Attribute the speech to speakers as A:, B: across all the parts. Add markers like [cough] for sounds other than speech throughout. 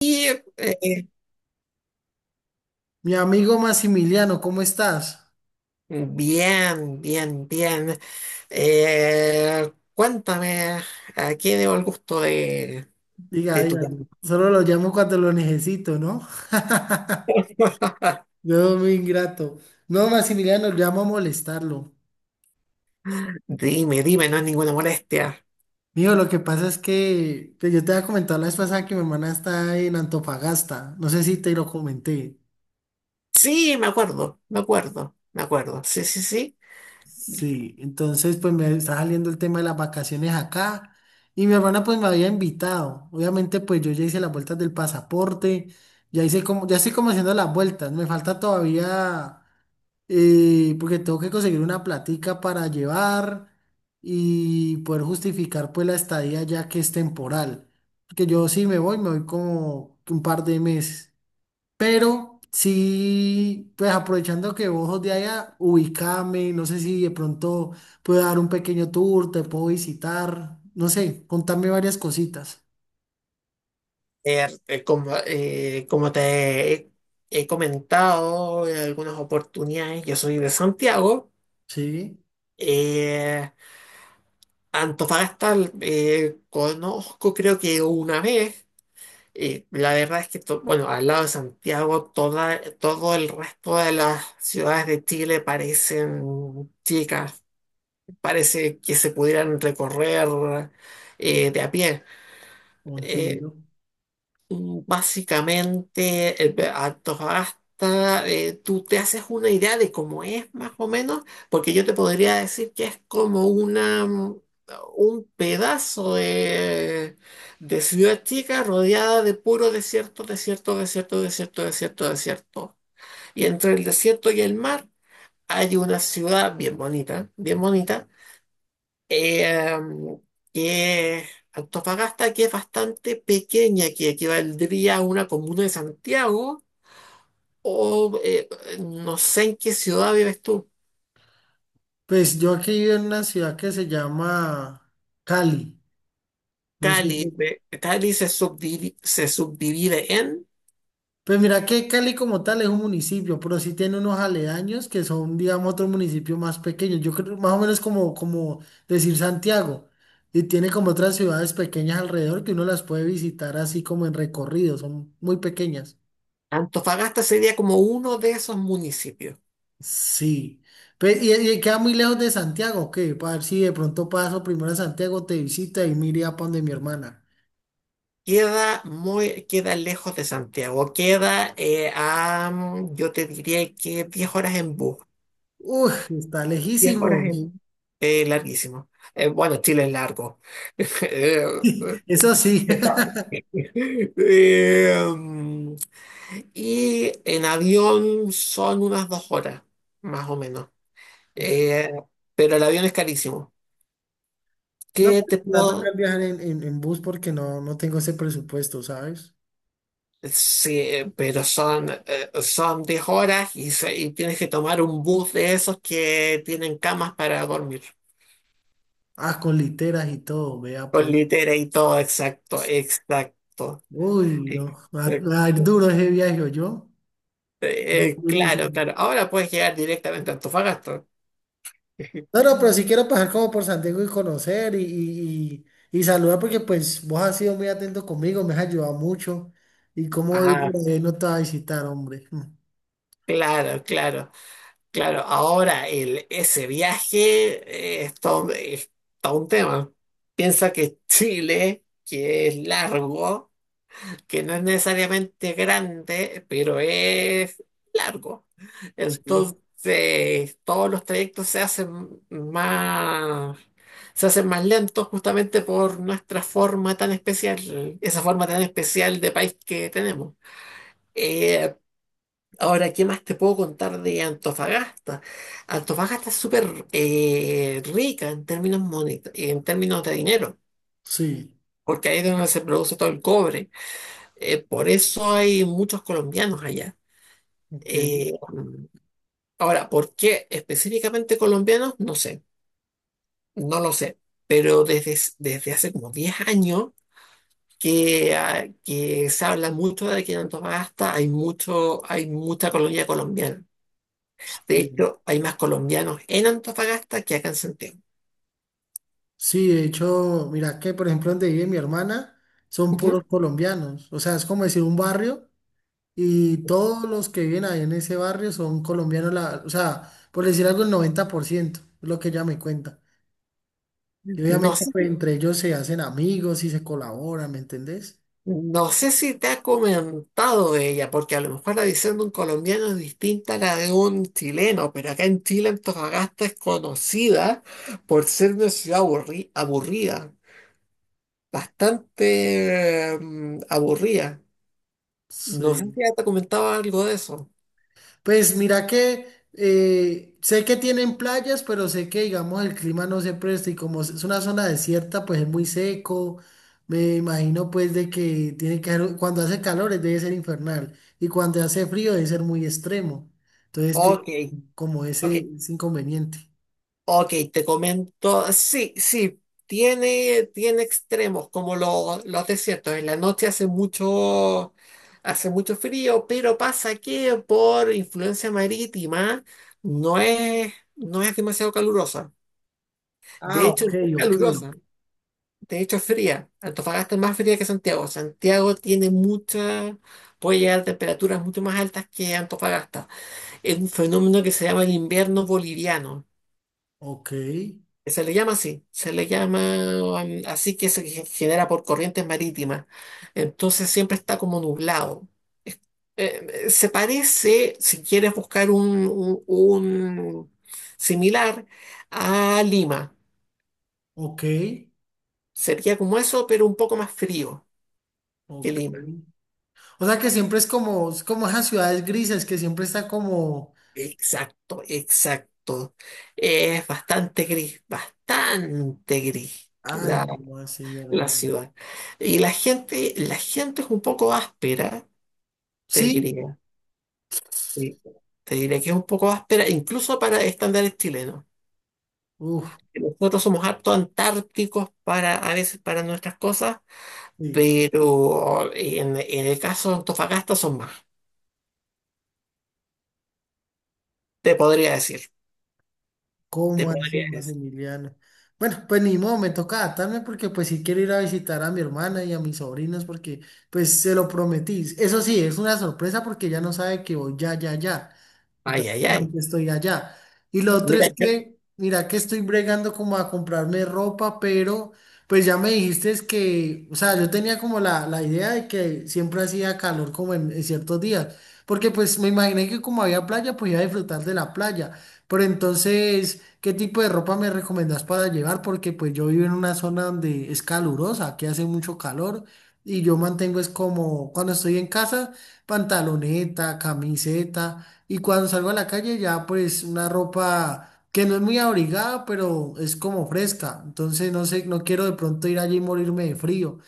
A: Y eh,
B: Mi amigo Maximiliano, ¿cómo estás?
A: Bien, bien, bien. Cuéntame, ¿a quién debo el gusto
B: Diga,
A: de tu
B: diga,
A: llamada?
B: solo lo llamo cuando lo necesito, ¿no? Yo muy ingrato. No, Maximiliano, llamo a molestarlo.
A: Dime, dime, no es ninguna molestia.
B: Mijo, lo que pasa es que yo te había comentado la vez pasada que mi hermana está en Antofagasta. No sé si te lo comenté.
A: Sí, me acuerdo, me acuerdo, me acuerdo. Sí, sí, sí.
B: Sí, entonces pues me está saliendo el tema de las vacaciones acá. Y mi hermana pues me había invitado. Obviamente pues yo ya hice las vueltas del pasaporte. Ya hice como, ya estoy como haciendo las vueltas. Me falta todavía, porque tengo que conseguir una platica para llevar y poder justificar pues la estadía ya que es temporal. Porque yo sí me voy como un par de meses. Pero sí, pues aprovechando que vos sos de allá, ubícame, no sé si de pronto puedo dar un pequeño tour, te puedo visitar, no sé, contame varias cositas.
A: Eh, eh, como, eh, como te he, He comentado en algunas oportunidades, yo soy de Santiago.
B: Sí,
A: Eh, Antofagasta conozco, creo que una vez. La verdad es que, bueno, al lado de Santiago, todo el resto de las ciudades de Chile parecen chicas, parece que se pudieran recorrer de a pie. Eh,
B: entiendo.
A: Básicamente, Antofagasta, tú te haces una idea de cómo es más o menos, porque yo te podría decir que es como una, un pedazo de ciudad chica rodeada de puro desierto, desierto, desierto, desierto, desierto, desierto. Y entre el desierto y el mar hay una ciudad bien bonita eh, que Antofagasta, que es bastante pequeña, que equivaldría a una comuna de Santiago, o no sé en qué ciudad vives tú.
B: Pues yo aquí vivo en una ciudad que se llama Cali. No sé si.
A: Cali, Cali se subdivide en...
B: Pues mira que Cali como tal es un municipio, pero sí tiene unos aledaños que son, digamos, otro municipio más pequeño. Yo creo más o menos como, como decir Santiago. Y tiene como otras ciudades pequeñas alrededor que uno las puede visitar así como en recorrido, son muy pequeñas.
A: Antofagasta sería como uno de esos municipios.
B: Sí. Pe- y queda muy lejos de Santiago, ¿qué? Para ver si de pronto paso primero a Santiago, te visita y mire a donde mi hermana.
A: Queda muy, queda lejos de Santiago, queda yo te diría que 10 horas en bus.
B: Uy, está
A: diez
B: lejísimo.
A: horas en... larguísimo. Bueno, Chile es largo. [laughs]
B: [laughs] Eso sí. [laughs]
A: Eh, em, y en avión son unas 2 horas, más o menos. Eh, pero el avión es carísimo.
B: No,
A: ¿Qué
B: pues,
A: te
B: me va a
A: puedo...?
B: tocar viajar en bus porque no, no tengo ese presupuesto, ¿sabes?
A: Sí, pero son, son 10 horas y, y tienes que tomar un bus de esos que tienen camas para dormir.
B: Ah, con literas y todo, vea
A: Con
B: pues.
A: litera y todo, exacto, exacto,
B: Uy, no, va, va a ir
A: exacto.
B: duro ese viaje, yo.
A: Claro,
B: Durísimo.
A: claro. Ahora puedes llegar directamente a Antofagasta.
B: No, no, pero sí
A: [laughs]
B: quiero pasar como por Santiago y conocer y saludar porque pues vos has sido muy atento conmigo, me has ayudado mucho. Y como hoy
A: Ah,
B: por ahí no te va a visitar, hombre.
A: claro, claro, claro. Ahora ese viaje es todo un tema. Piensa que Chile, que es largo, que no es necesariamente grande, pero es largo.
B: Sí.
A: Entonces, todos los trayectos se hacen más lentos justamente por nuestra forma tan especial, esa forma tan especial de país que tenemos. Eh, Ahora, ¿qué más te puedo contar de Antofagasta? Antofagasta es súper rica en términos, en términos de dinero,
B: Sí,
A: porque ahí es donde se produce todo el cobre. Por eso hay muchos colombianos allá.
B: ok.
A: Eh, Ahora, ¿por qué específicamente colombianos? No sé, no lo sé, pero desde, desde hace como 10 años que, que se habla mucho de que en Antofagasta hay, mucho, hay mucha colonia colombiana. De
B: Sí.
A: hecho, hay más colombianos en Antofagasta que acá en Santiago.
B: Sí, de hecho, mira que por ejemplo donde vive mi hermana son puros
A: Ujú.
B: colombianos, o sea, es como decir un barrio y todos los que viven ahí en ese barrio son colombianos, la- o sea, por decir algo el 90%, es lo que ella me cuenta. Y
A: No
B: obviamente
A: sé.
B: pues entre ellos se hacen amigos y se colaboran, ¿me entendés?
A: No sé si te ha comentado de ella, porque a lo mejor la visión de un colombiano es distinta a la de un chileno, pero acá en Chile Antofagasta es conocida por ser una ciudad aburrida, bastante aburrida. No sé
B: Sí.
A: si ya te comentaba algo de eso.
B: Pues mira que sé que tienen playas, pero sé que digamos el clima no se presta y como es una zona desierta, pues es muy seco. Me imagino pues de que tiene que ser, cuando hace calor debe ser infernal y cuando hace frío debe ser muy extremo. Entonces tiene
A: Ok,
B: como
A: ok.
B: ese inconveniente.
A: Ok, te comento, sí, sí, tiene, tiene extremos como los desiertos. En la noche hace mucho frío, pero pasa que por influencia marítima no es, no es demasiado calurosa. De
B: Ah,
A: hecho, no
B: ok,
A: es
B: ok,
A: calurosa, de hecho es fría. Antofagasta es más fría que Santiago. Santiago tiene mucha, puede llegar a temperaturas mucho más altas que Antofagasta. Es un fenómeno que se llama el invierno boliviano.
B: ok,
A: Se le llama así, se le llama así, que se genera por corrientes marítimas. Entonces siempre está como nublado. Se parece, si quieres buscar un, un similar, a Lima.
B: ok,
A: Sería como eso, pero un poco más frío que
B: ok.
A: Lima.
B: O sea que siempre es como esas ciudades grises que siempre está como,
A: Exacto, exacto. Es bastante gris
B: ay,
A: la,
B: ¿cómo así, mi
A: la
B: hermano?
A: ciudad. Y la gente es un poco áspera, te
B: Sí.
A: diría. Sí. Te diré que es un poco áspera, incluso para estándares chilenos.
B: Uf,
A: Nosotros somos harto antárticos para, a veces para nuestras cosas,
B: sí,
A: pero en el caso de Antofagasta son más. Te podría decir, te
B: ¿cómo así,
A: podría decir.
B: Maximiliano? Bueno, pues ni modo, me toca adaptarme porque pues sí quiero ir a visitar a mi hermana y a mis sobrinos porque pues se lo prometí. Eso sí, es una sorpresa porque ya no sabe que voy, ya, ya, ya. Y
A: Ay, ay, ay.
B: prácticamente estoy allá. Y lo otro
A: Mira,
B: es que, mira que estoy bregando como a comprarme ropa, pero pues ya me dijiste es que, o sea, yo tenía como la idea de que siempre hacía calor como en ciertos días, porque pues me imaginé que como había playa, pues iba a disfrutar de la playa. Pero entonces, ¿qué tipo de ropa me recomendás para llevar? Porque pues yo vivo en una zona donde es calurosa, que hace mucho calor. Y yo mantengo es como cuando estoy en casa, pantaloneta, camiseta, y cuando salgo a la calle ya pues una ropa que no es muy abrigada, pero es como fresca. Entonces no sé, no quiero de pronto ir allí y morirme de frío.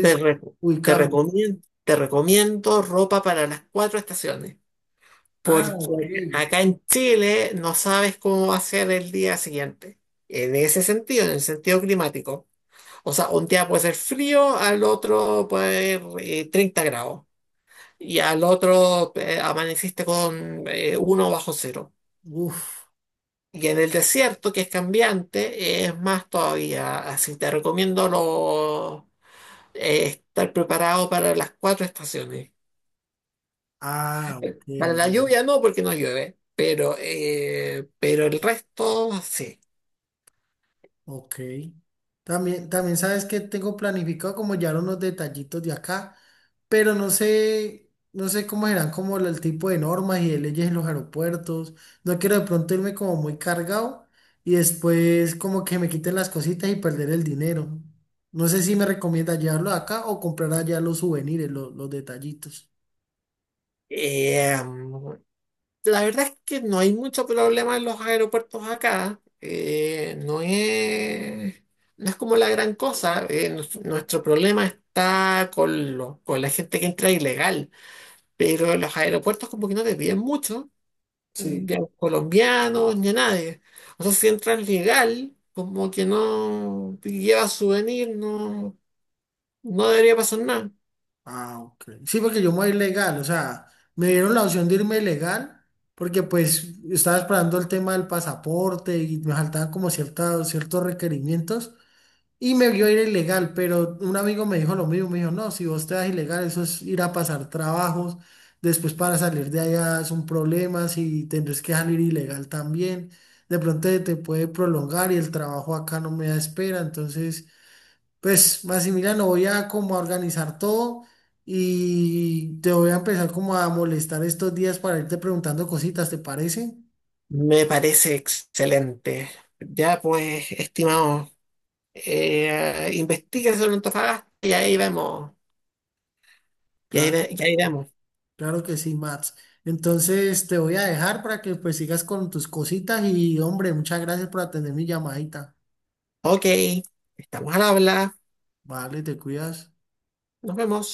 A: te, re-
B: ubicamos.
A: te recomiendo ropa para las cuatro estaciones,
B: Ah, ok.
A: porque acá en Chile no sabes cómo va a ser el día siguiente. En ese sentido, en el sentido climático. O sea, un día puede ser frío, al otro puede ser 30 grados. Y al otro amaneciste con uno bajo cero.
B: Uf.
A: Y en el desierto, que es cambiante, es más todavía. Así te recomiendo estar preparado para las cuatro estaciones.
B: Ah, ok.
A: Para la lluvia no, porque no llueve, pero el resto sí.
B: Ok. También, también sabes que tengo planificado como ya unos detallitos de acá, pero no sé, no sé cómo serán como el tipo de normas y de leyes en los aeropuertos. No quiero de pronto irme como muy cargado y después como que me quiten las cositas y perder el dinero. No sé si me recomienda llevarlo acá o comprar allá los souvenirs, lo- los detallitos.
A: Eh, La verdad es que no hay mucho problema en los aeropuertos acá. No es, no es como la gran cosa. Nuestro problema está con, con la gente que entra ilegal. Pero en los aeropuertos como que no te piden mucho,
B: Sí.
A: ni a los colombianos ni a nadie. O sea, si entras legal, como que no, y llevas souvenir, no, no debería pasar nada.
B: Ah, ok. Sí, porque yo me voy ilegal, o sea, me dieron la opción de irme ilegal porque pues estaba esperando el tema del pasaporte y me faltaban como cierta- ciertos requerimientos y me vio ir ilegal, pero un amigo me dijo lo mismo, me dijo, no, si vos te vas ilegal, eso es ir a pasar trabajos, después para salir de allá es un problema, si tendrás que salir ilegal también, de pronto te puede prolongar y el trabajo acá no me da espera, entonces. Pues, Maximiliano, voy a como a organizar todo y te voy a empezar como a molestar estos días para irte preguntando cositas, ¿te parece?
A: Me parece excelente. Ya pues, estimado. Investiga sobre Antofagasta y ahí vemos. Y ahí,
B: Claro,
A: y ahí vemos.
B: claro que sí, Max. Entonces te voy a dejar para que pues sigas con tus cositas y hombre, muchas gracias por atender mi llamadita.
A: Ok, estamos al habla.
B: Vale, te cuidas.
A: Nos vemos.